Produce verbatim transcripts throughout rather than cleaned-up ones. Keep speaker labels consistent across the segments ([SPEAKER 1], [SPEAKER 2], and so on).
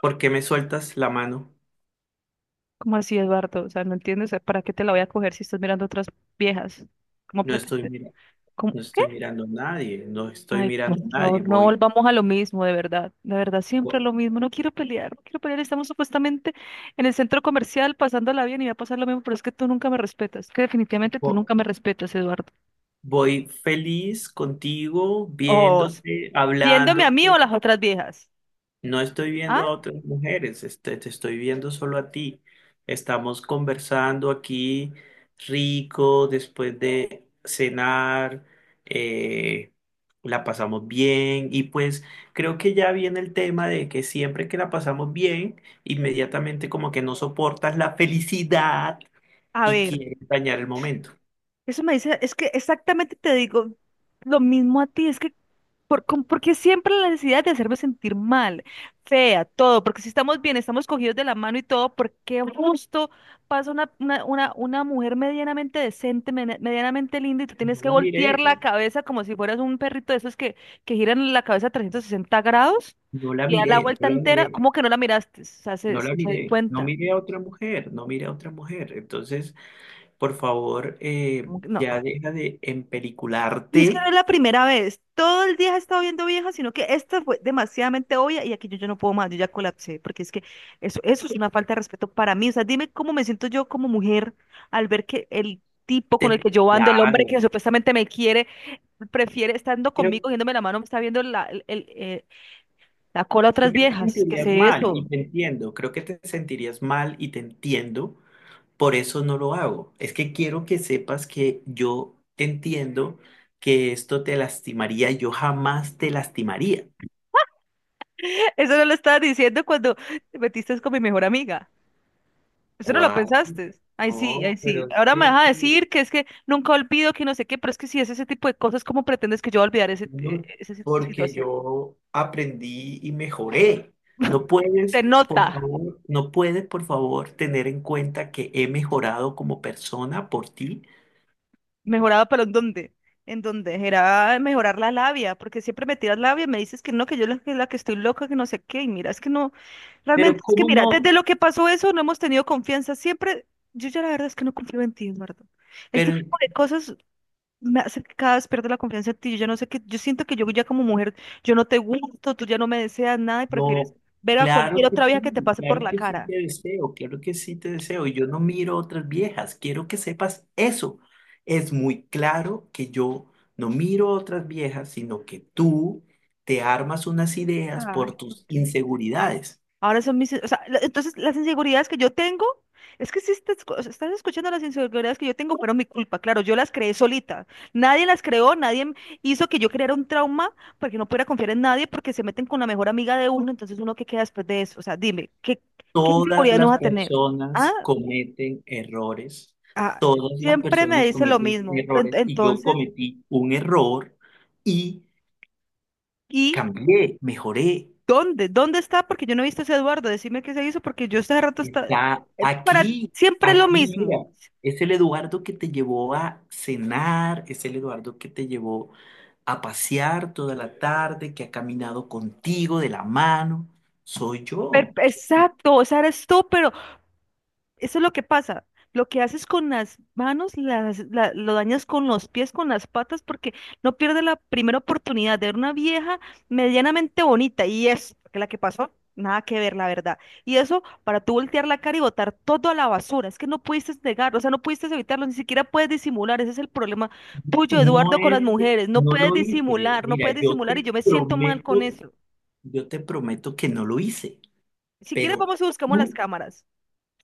[SPEAKER 1] ¿Por qué me sueltas la mano?
[SPEAKER 2] ¿Cómo así, Eduardo? O sea, ¿no entiendes? ¿Para qué te la voy a coger si estás mirando otras viejas? ¿Cómo
[SPEAKER 1] No estoy
[SPEAKER 2] pretendes?
[SPEAKER 1] mirando,
[SPEAKER 2] ¿Cómo?
[SPEAKER 1] no estoy
[SPEAKER 2] ¿Qué?
[SPEAKER 1] mirando a nadie, no estoy
[SPEAKER 2] Ay, por
[SPEAKER 1] mirando a nadie,
[SPEAKER 2] favor, no
[SPEAKER 1] voy,
[SPEAKER 2] volvamos a lo mismo, de verdad. De verdad, siempre
[SPEAKER 1] vo-
[SPEAKER 2] lo mismo. No quiero pelear, no quiero pelear. Estamos supuestamente en el centro comercial pasándola bien y va a pasar lo mismo, pero es que tú nunca me respetas. Es que definitivamente tú
[SPEAKER 1] vo-
[SPEAKER 2] nunca me respetas, Eduardo.
[SPEAKER 1] voy, feliz contigo,
[SPEAKER 2] O
[SPEAKER 1] viéndote,
[SPEAKER 2] viéndome a mí o a
[SPEAKER 1] hablándote.
[SPEAKER 2] las otras viejas.
[SPEAKER 1] No estoy viendo
[SPEAKER 2] ¿Ah?
[SPEAKER 1] a otras mujeres, este, te estoy viendo solo a ti. Estamos conversando aquí rico después de cenar, eh, la pasamos bien y pues creo que ya viene el tema de que siempre que la pasamos bien, inmediatamente como que no soportas la felicidad
[SPEAKER 2] A
[SPEAKER 1] y
[SPEAKER 2] ver,
[SPEAKER 1] quieres dañar el momento.
[SPEAKER 2] eso me dice, es que exactamente te digo lo mismo a ti, es que Por, con- porque siempre la necesidad de hacerme sentir mal, fea, todo, porque si estamos bien, estamos cogidos de la mano y todo, ¿por qué justo pasa una, una, una, una mujer medianamente decente, mene- medianamente linda y tú tienes
[SPEAKER 1] No
[SPEAKER 2] que
[SPEAKER 1] la miré,
[SPEAKER 2] voltear la cabeza como si fueras un perrito de esos que, que giran la cabeza trescientos sesenta grados
[SPEAKER 1] no la
[SPEAKER 2] y da
[SPEAKER 1] miré,
[SPEAKER 2] la
[SPEAKER 1] no
[SPEAKER 2] vuelta
[SPEAKER 1] la
[SPEAKER 2] entera?
[SPEAKER 1] miré,
[SPEAKER 2] ¿Cómo que no la miraste? O sea, se,
[SPEAKER 1] no la
[SPEAKER 2] se, se di
[SPEAKER 1] miré, no
[SPEAKER 2] cuenta.
[SPEAKER 1] miré a otra mujer, no miré a otra mujer. Entonces... Por favor, eh,
[SPEAKER 2] ¿Cómo que no?
[SPEAKER 1] ya deja de
[SPEAKER 2] Y es que no es
[SPEAKER 1] empelicularte.
[SPEAKER 2] la primera vez. Todo el día he estado viendo viejas, sino que esta fue demasiadamente obvia y aquí yo, yo no puedo más, yo ya colapsé, porque es que eso, eso es una falta de respeto para mí. O sea, dime cómo me siento yo como mujer al ver que el tipo con el
[SPEAKER 1] Te...
[SPEAKER 2] que yo ando, el hombre que
[SPEAKER 1] Claro,
[SPEAKER 2] supuestamente me quiere, prefiere estando
[SPEAKER 1] creo,
[SPEAKER 2] conmigo, cogiéndome la mano, me está viendo la, el- el, eh, la cola a
[SPEAKER 1] creo
[SPEAKER 2] otras
[SPEAKER 1] que te
[SPEAKER 2] viejas. ¿Qué es
[SPEAKER 1] sentirías mal y
[SPEAKER 2] eso?
[SPEAKER 1] te entiendo. Creo que te sentirías mal y te entiendo. Por eso no lo hago. Es que quiero que sepas que yo entiendo que esto te lastimaría. Yo jamás te lastimaría.
[SPEAKER 2] Eso no lo estaba diciendo cuando te metiste con mi mejor amiga. Eso no lo
[SPEAKER 1] ¿Cuál?
[SPEAKER 2] pensaste. Ay, sí, ay,
[SPEAKER 1] No,
[SPEAKER 2] sí.
[SPEAKER 1] pero es
[SPEAKER 2] Ahora me
[SPEAKER 1] que...
[SPEAKER 2] vas a decir que es que nunca olvido que no sé qué, pero es que si es ese tipo de cosas, ¿cómo pretendes que yo voy a olvidar ese, eh,
[SPEAKER 1] No,
[SPEAKER 2] esa si-
[SPEAKER 1] porque
[SPEAKER 2] situación?
[SPEAKER 1] yo aprendí y mejoré. No
[SPEAKER 2] Se
[SPEAKER 1] puedes, por
[SPEAKER 2] nota.
[SPEAKER 1] favor, no puedes, por favor, tener en cuenta que he mejorado como persona por ti.
[SPEAKER 2] Mejoraba, pero ¿en dónde? En dónde era mejorar la labia, porque siempre me tiras labia y me dices que no, que yo la, que la que estoy loca, que no sé qué, y mira, es que no, realmente
[SPEAKER 1] Pero
[SPEAKER 2] es que
[SPEAKER 1] cómo
[SPEAKER 2] mira,
[SPEAKER 1] no,
[SPEAKER 2] desde lo que pasó eso no hemos tenido confianza, siempre, yo ya la verdad es que no confío en ti, Eduardo. Este
[SPEAKER 1] pero
[SPEAKER 2] tipo de cosas me hace que cada vez pierdo la confianza en ti. Yo ya no sé qué, yo siento que yo ya como mujer, yo no te gusto, tú ya no me deseas nada y prefieres
[SPEAKER 1] no,
[SPEAKER 2] ver a cualquier
[SPEAKER 1] claro que
[SPEAKER 2] otra vieja
[SPEAKER 1] sí,
[SPEAKER 2] que te pase por
[SPEAKER 1] claro
[SPEAKER 2] la
[SPEAKER 1] que sí
[SPEAKER 2] cara.
[SPEAKER 1] te deseo, claro que sí te deseo. Y yo no miro otras viejas, quiero que sepas eso. Es muy claro que yo no miro otras viejas, sino que tú te armas unas ideas por
[SPEAKER 2] Ay, ¿por
[SPEAKER 1] tus
[SPEAKER 2] qué?
[SPEAKER 1] inseguridades.
[SPEAKER 2] Ahora son mis, o sea, la- entonces las inseguridades que yo tengo, es que si estás, escu- o sea, estás escuchando las inseguridades que yo tengo, fueron mi culpa, claro, yo las creé solita. Nadie las creó, nadie m- hizo que yo creara un trauma porque no pudiera confiar en nadie porque se meten con la mejor amiga de uno, entonces uno que queda después de eso, o sea, dime, ¿qué, qué
[SPEAKER 1] Todas
[SPEAKER 2] inseguridad no
[SPEAKER 1] las
[SPEAKER 2] vas a tener? ¿Ah?
[SPEAKER 1] personas cometen errores,
[SPEAKER 2] Ah,
[SPEAKER 1] todas las
[SPEAKER 2] siempre me
[SPEAKER 1] personas
[SPEAKER 2] dice lo
[SPEAKER 1] cometen
[SPEAKER 2] mismo, pero ent-
[SPEAKER 1] errores y yo
[SPEAKER 2] entonces,
[SPEAKER 1] cometí un error y
[SPEAKER 2] ¿y
[SPEAKER 1] cambié, mejoré.
[SPEAKER 2] dónde? ¿Dónde está? Porque yo no he visto a ese Eduardo, decime qué se hizo, porque yo este rato está, eh,
[SPEAKER 1] Está
[SPEAKER 2] para
[SPEAKER 1] aquí,
[SPEAKER 2] siempre lo
[SPEAKER 1] aquí, mira,
[SPEAKER 2] mismo.
[SPEAKER 1] es el Eduardo que te llevó a cenar, es el Eduardo que te llevó a pasear toda la tarde, que ha caminado contigo de la mano, soy
[SPEAKER 2] Per-
[SPEAKER 1] yo.
[SPEAKER 2] exacto, o sea, eres tú, pero eso es lo que pasa. Lo que haces con las manos, las, la- lo dañas con los pies, con las patas, porque no pierdes la primera oportunidad de ver una vieja medianamente bonita. Y es que la que pasó, nada que ver, la verdad. Y eso para tú voltear la cara y botar todo a la basura. Es que no pudiste negarlo, o sea, no pudiste evitarlo, ni siquiera puedes disimular. Ese es el problema tuyo,
[SPEAKER 1] No
[SPEAKER 2] Eduardo, con las
[SPEAKER 1] es que
[SPEAKER 2] mujeres. No
[SPEAKER 1] no
[SPEAKER 2] puedes
[SPEAKER 1] lo hice.
[SPEAKER 2] disimular, no
[SPEAKER 1] Mira,
[SPEAKER 2] puedes
[SPEAKER 1] yo
[SPEAKER 2] disimular y
[SPEAKER 1] te
[SPEAKER 2] yo me siento mal con
[SPEAKER 1] prometo.
[SPEAKER 2] eso.
[SPEAKER 1] Yo te prometo que no lo hice,
[SPEAKER 2] Si quieres,
[SPEAKER 1] pero
[SPEAKER 2] vamos y buscamos las
[SPEAKER 1] tú,
[SPEAKER 2] cámaras.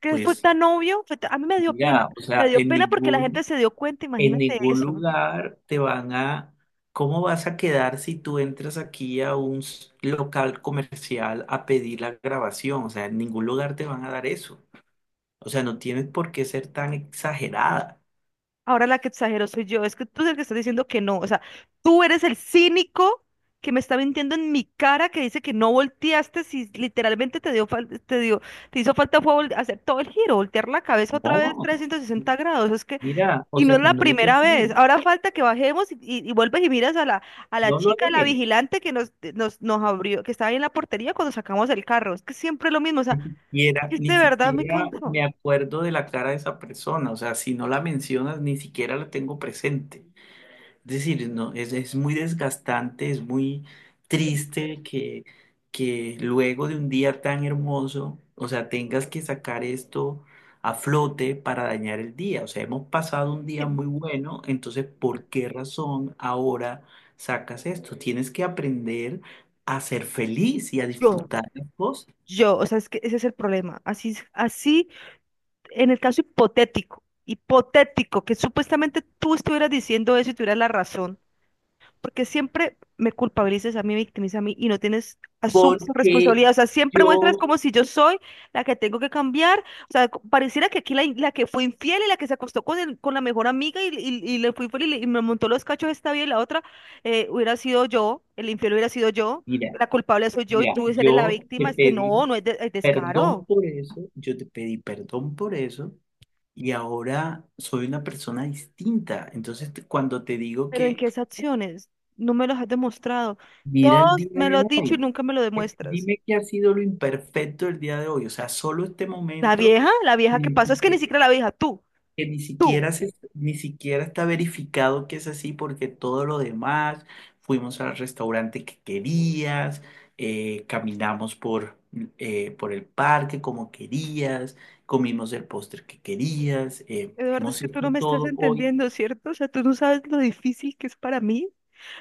[SPEAKER 2] Que fue
[SPEAKER 1] pues,
[SPEAKER 2] tan obvio, fue ta- a mí me dio pena,
[SPEAKER 1] mira, o
[SPEAKER 2] me
[SPEAKER 1] sea,
[SPEAKER 2] dio
[SPEAKER 1] en
[SPEAKER 2] pena porque la gente
[SPEAKER 1] ningún,
[SPEAKER 2] se dio cuenta,
[SPEAKER 1] en
[SPEAKER 2] imagínate
[SPEAKER 1] ningún
[SPEAKER 2] eso.
[SPEAKER 1] lugar te van a, ¿cómo vas a quedar si tú entras aquí a un s- local comercial a pedir la grabación? O sea, en ningún lugar te van a dar eso. O sea, no tienes por qué ser tan exagerada.
[SPEAKER 2] Ahora la que exagero soy yo, es que tú eres el que estás diciendo que no, o sea, tú eres el cínico que me está mintiendo en mi cara que dice que no volteaste si literalmente te dio fal- te dio te hizo falta fue vol- hacer todo el giro, voltear la cabeza otra vez
[SPEAKER 1] No,
[SPEAKER 2] trescientos sesenta grados, es que
[SPEAKER 1] mira, o
[SPEAKER 2] y no
[SPEAKER 1] sea,
[SPEAKER 2] es la
[SPEAKER 1] no es
[SPEAKER 2] primera vez.
[SPEAKER 1] así,
[SPEAKER 2] Ahora falta que bajemos y, y- y vuelves y miras a la a la
[SPEAKER 1] no lo
[SPEAKER 2] chica, la
[SPEAKER 1] haré.
[SPEAKER 2] vigilante que nos nos nos abrió, que estaba ahí en la portería cuando sacamos el carro. Es que siempre es lo mismo, o sea,
[SPEAKER 1] Ni siquiera,
[SPEAKER 2] que
[SPEAKER 1] ni
[SPEAKER 2] de verdad me
[SPEAKER 1] siquiera
[SPEAKER 2] cansó.
[SPEAKER 1] me acuerdo de la cara de esa persona, o sea, si no la mencionas, ni siquiera la tengo presente. Es decir, no, es, es muy desgastante, es muy triste que, que luego de un día tan hermoso, o sea, tengas que sacar esto a flote para dañar el día. O sea, hemos pasado un día
[SPEAKER 2] Que
[SPEAKER 1] muy bueno, entonces, ¿por qué razón ahora sacas esto? Tienes que aprender a ser feliz y a
[SPEAKER 2] Yo,
[SPEAKER 1] disfrutar las cosas.
[SPEAKER 2] yo, o sea, es que ese es el problema. Así, es- así, en el caso hipotético, hipotético, que supuestamente tú estuvieras diciendo eso y tuvieras la razón. Porque siempre me culpabilizas a mí, me victimizas a mí y no tienes, asumes tu
[SPEAKER 1] Porque
[SPEAKER 2] responsabilidad. O sea, siempre muestras
[SPEAKER 1] yo,
[SPEAKER 2] como si yo soy la que tengo que cambiar. O sea, co- pareciera que aquí la, la que fue infiel y la que se acostó con, el- con la mejor amiga y, y- y le fue infiel y, le- y me montó los cachos esta bien y la otra eh, hubiera sido yo, el infiel hubiera sido yo,
[SPEAKER 1] mira,
[SPEAKER 2] la culpable soy yo y
[SPEAKER 1] mira,
[SPEAKER 2] tú eres la
[SPEAKER 1] yo
[SPEAKER 2] víctima.
[SPEAKER 1] te
[SPEAKER 2] Es que
[SPEAKER 1] pedí
[SPEAKER 2] no, no es, de- es
[SPEAKER 1] perdón
[SPEAKER 2] descaro.
[SPEAKER 1] por eso, yo te pedí perdón por eso, y ahora soy una persona distinta. Entonces, te- cuando te digo
[SPEAKER 2] Pero ¿en
[SPEAKER 1] que
[SPEAKER 2] qué esas acciones? No me los has demostrado.
[SPEAKER 1] mira el
[SPEAKER 2] Todos
[SPEAKER 1] día
[SPEAKER 2] me lo
[SPEAKER 1] de
[SPEAKER 2] has dicho y
[SPEAKER 1] hoy,
[SPEAKER 2] nunca me lo
[SPEAKER 1] eh,
[SPEAKER 2] demuestras.
[SPEAKER 1] dime qué ha sido lo imperfecto del día de hoy, o sea, solo este
[SPEAKER 2] La
[SPEAKER 1] momento.
[SPEAKER 2] vieja, la vieja que pasó, es que ni siquiera la vieja, tú.
[SPEAKER 1] Que ni
[SPEAKER 2] Tú,
[SPEAKER 1] siquiera se, ni siquiera está verificado que es así porque todo lo demás, fuimos al restaurante que querías, eh, caminamos por, eh, por el parque como querías, comimos el postre que querías, eh,
[SPEAKER 2] Eduardo, es
[SPEAKER 1] hemos
[SPEAKER 2] que tú
[SPEAKER 1] hecho
[SPEAKER 2] no me estás
[SPEAKER 1] todo hoy,
[SPEAKER 2] entendiendo, ¿cierto? O sea, tú no sabes lo difícil que es para mí,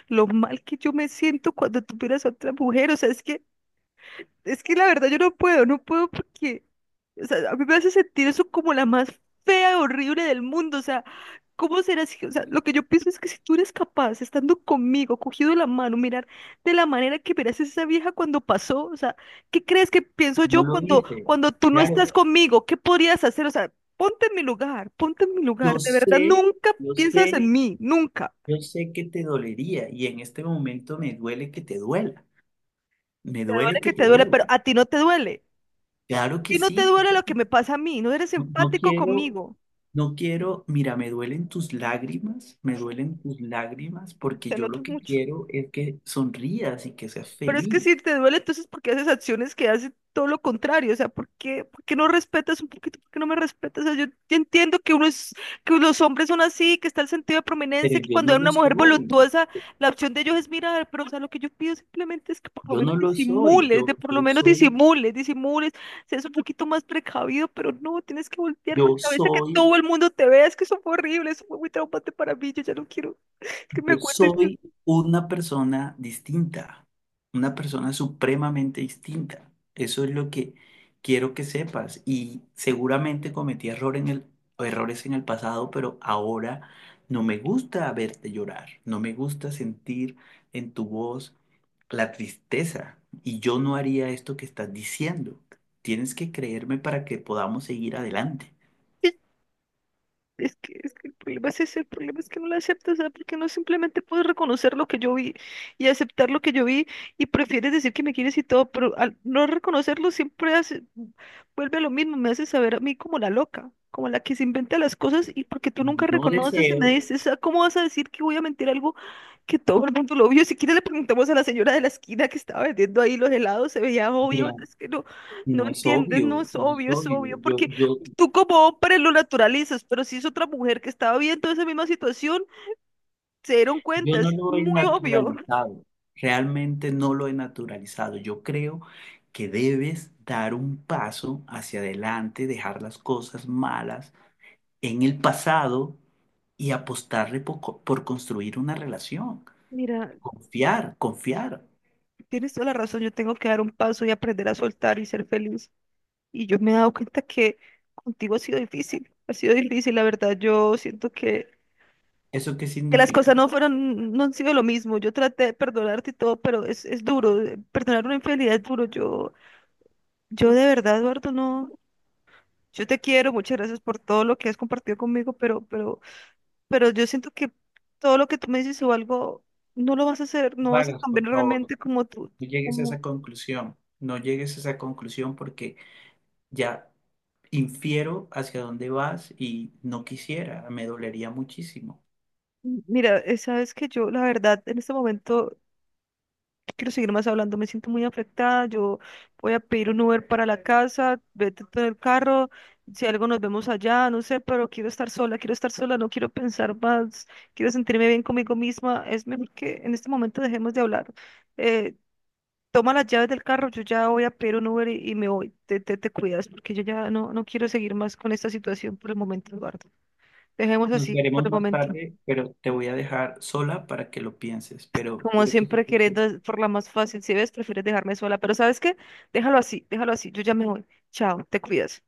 [SPEAKER 2] lo mal que yo me siento cuando tú miras a otra mujer. O sea, es que es que la verdad yo no puedo, no puedo porque, o sea, a mí me hace sentir eso como la más fea, horrible del mundo, o sea, ¿cómo será si, o sea, lo que yo pienso es que si tú eres capaz, estando conmigo, cogido de la mano, mirar de la manera que miras a esa vieja cuando pasó, o sea, ¿qué crees que pienso
[SPEAKER 1] no
[SPEAKER 2] yo
[SPEAKER 1] lo
[SPEAKER 2] cuando,
[SPEAKER 1] dice.
[SPEAKER 2] cuando tú no
[SPEAKER 1] Claro,
[SPEAKER 2] estás conmigo? ¿Qué podrías hacer? O sea, ponte en mi lugar, ponte en mi
[SPEAKER 1] yo
[SPEAKER 2] lugar, de verdad,
[SPEAKER 1] sé,
[SPEAKER 2] nunca
[SPEAKER 1] yo
[SPEAKER 2] piensas en
[SPEAKER 1] sé,
[SPEAKER 2] mí, nunca.
[SPEAKER 1] yo sé que te dolería y en este momento me duele que te duela, me
[SPEAKER 2] Te duele
[SPEAKER 1] duele que
[SPEAKER 2] que te
[SPEAKER 1] te
[SPEAKER 2] duele,
[SPEAKER 1] duela.
[SPEAKER 2] pero a ti no te duele. A
[SPEAKER 1] Claro que
[SPEAKER 2] ti no te
[SPEAKER 1] sí,
[SPEAKER 2] duele
[SPEAKER 1] claro
[SPEAKER 2] lo
[SPEAKER 1] que
[SPEAKER 2] que
[SPEAKER 1] sí.
[SPEAKER 2] me pasa a mí, no eres
[SPEAKER 1] No, no
[SPEAKER 2] empático
[SPEAKER 1] quiero,
[SPEAKER 2] conmigo.
[SPEAKER 1] no quiero, mira, me duelen tus lágrimas, me duelen tus lágrimas, porque
[SPEAKER 2] Se
[SPEAKER 1] yo
[SPEAKER 2] nota
[SPEAKER 1] lo que
[SPEAKER 2] mucho.
[SPEAKER 1] quiero es que sonrías y que seas
[SPEAKER 2] Pero es que
[SPEAKER 1] feliz,
[SPEAKER 2] si te duele, entonces, ¿por qué haces acciones que hacen todo lo contrario? O sea, ¿por qué, por qué no respetas un poquito? ¿Por qué no me respetas? O sea, yo yo entiendo que uno es, que los hombres son así, que está el sentido de
[SPEAKER 1] pero
[SPEAKER 2] prominencia, que
[SPEAKER 1] yo
[SPEAKER 2] cuando
[SPEAKER 1] no
[SPEAKER 2] hay
[SPEAKER 1] lo
[SPEAKER 2] una mujer
[SPEAKER 1] soy,
[SPEAKER 2] voluptuosa, la opción de ellos es mirar, pero o sea, lo que yo pido simplemente es que por lo
[SPEAKER 1] yo
[SPEAKER 2] menos
[SPEAKER 1] no lo soy,
[SPEAKER 2] disimules,
[SPEAKER 1] yo,
[SPEAKER 2] de por lo
[SPEAKER 1] yo
[SPEAKER 2] menos
[SPEAKER 1] soy,
[SPEAKER 2] disimules, disimules, seas un poquito más precavido, pero no, tienes que voltear la
[SPEAKER 1] yo
[SPEAKER 2] cabeza, que
[SPEAKER 1] soy.
[SPEAKER 2] todo el mundo te vea, es que eso fue horrible, eso fue muy traumante para mí, yo ya no quiero, es que me
[SPEAKER 1] Yo
[SPEAKER 2] acuerdo
[SPEAKER 1] soy una persona distinta, una persona supremamente distinta. Eso es lo que quiero que sepas. Y seguramente cometí error en el, errores en el pasado, pero ahora no me gusta verte llorar, no me gusta sentir en tu voz la tristeza. Y yo no haría esto que estás diciendo. Tienes que creerme para que podamos seguir adelante.
[SPEAKER 2] y Es que, es que el problema es ese, el problema es que no la aceptas, ¿sabes? Porque no simplemente puedes reconocer lo que yo vi y aceptar lo que yo vi y prefieres decir que me quieres y todo, pero al no reconocerlo siempre hace, vuelve a lo mismo, me hace saber a mí como la loca, como la que se inventa las cosas y porque tú nunca
[SPEAKER 1] No
[SPEAKER 2] reconoces y
[SPEAKER 1] deseo,
[SPEAKER 2] me dices, "Ah, ¿cómo vas a decir que voy a mentir algo que todo el mundo lo vio? Si quieres le preguntamos a la señora de la esquina que estaba vendiendo ahí los helados, se veía obvio,
[SPEAKER 1] mira,
[SPEAKER 2] es que no, no
[SPEAKER 1] no es
[SPEAKER 2] entiendes,
[SPEAKER 1] obvio,
[SPEAKER 2] no es
[SPEAKER 1] no es
[SPEAKER 2] obvio, es
[SPEAKER 1] obvio.
[SPEAKER 2] obvio,
[SPEAKER 1] Yo,
[SPEAKER 2] porque
[SPEAKER 1] yo
[SPEAKER 2] tú como hombre lo naturalizas, pero si es otra mujer que estaba viendo esa misma situación, se dieron
[SPEAKER 1] Yo
[SPEAKER 2] cuenta,
[SPEAKER 1] no
[SPEAKER 2] es
[SPEAKER 1] lo he
[SPEAKER 2] muy obvio."
[SPEAKER 1] naturalizado, realmente no lo he naturalizado. Yo creo que debes dar un paso hacia adelante, dejar las cosas malas en el pasado y apostarle por, co- por construir una relación.
[SPEAKER 2] Mira,
[SPEAKER 1] Confiar, confiar.
[SPEAKER 2] tienes toda la razón, yo tengo que dar un paso y aprender a soltar y ser feliz. Y yo me he dado cuenta que contigo ha sido difícil, ha sido difícil, la verdad, yo siento que,
[SPEAKER 1] ¿Eso qué
[SPEAKER 2] que las
[SPEAKER 1] significa?
[SPEAKER 2] cosas no fueron, no han sido lo mismo. Yo traté de perdonarte y todo, pero es, es duro, eh, perdonar una infidelidad es duro. Yo, yo de verdad, Eduardo, no, yo te quiero, muchas gracias por todo lo que has compartido conmigo, pero, pero... pero yo siento que todo lo que tú me dices o algo, no lo vas a hacer, no vas a
[SPEAKER 1] Vagas,
[SPEAKER 2] cambiar
[SPEAKER 1] por favor,
[SPEAKER 2] realmente como tú,
[SPEAKER 1] no llegues a
[SPEAKER 2] como,
[SPEAKER 1] esa conclusión. No llegues a esa conclusión porque ya infiero hacia dónde vas y no quisiera, me dolería muchísimo.
[SPEAKER 2] mira, eh, sabes que yo, la verdad, en este momento quiero seguir más hablando, me siento muy afectada, yo voy a pedir un Uber para la casa, vete tú en el carro, si algo nos vemos allá, no sé, pero quiero estar sola, quiero estar sola, no quiero pensar más, quiero sentirme bien conmigo misma, es mejor que en este momento dejemos de hablar. eh, Toma las llaves del carro, yo ya voy a pedir un Uber y, y me voy. Te, te, te cuidas, porque yo ya no, no quiero seguir más con esta situación por el momento, Eduardo. Dejemos
[SPEAKER 1] Nos
[SPEAKER 2] así por
[SPEAKER 1] veremos
[SPEAKER 2] el
[SPEAKER 1] más
[SPEAKER 2] momento.
[SPEAKER 1] tarde, pero te voy a dejar sola para que lo pienses, pero
[SPEAKER 2] Como
[SPEAKER 1] quiero que
[SPEAKER 2] siempre,
[SPEAKER 1] sepas que
[SPEAKER 2] queriendo por la más fácil, si ves, prefieres dejarme sola, pero ¿sabes qué? Déjalo así, déjalo así, yo ya me voy. Chao, te cuidas.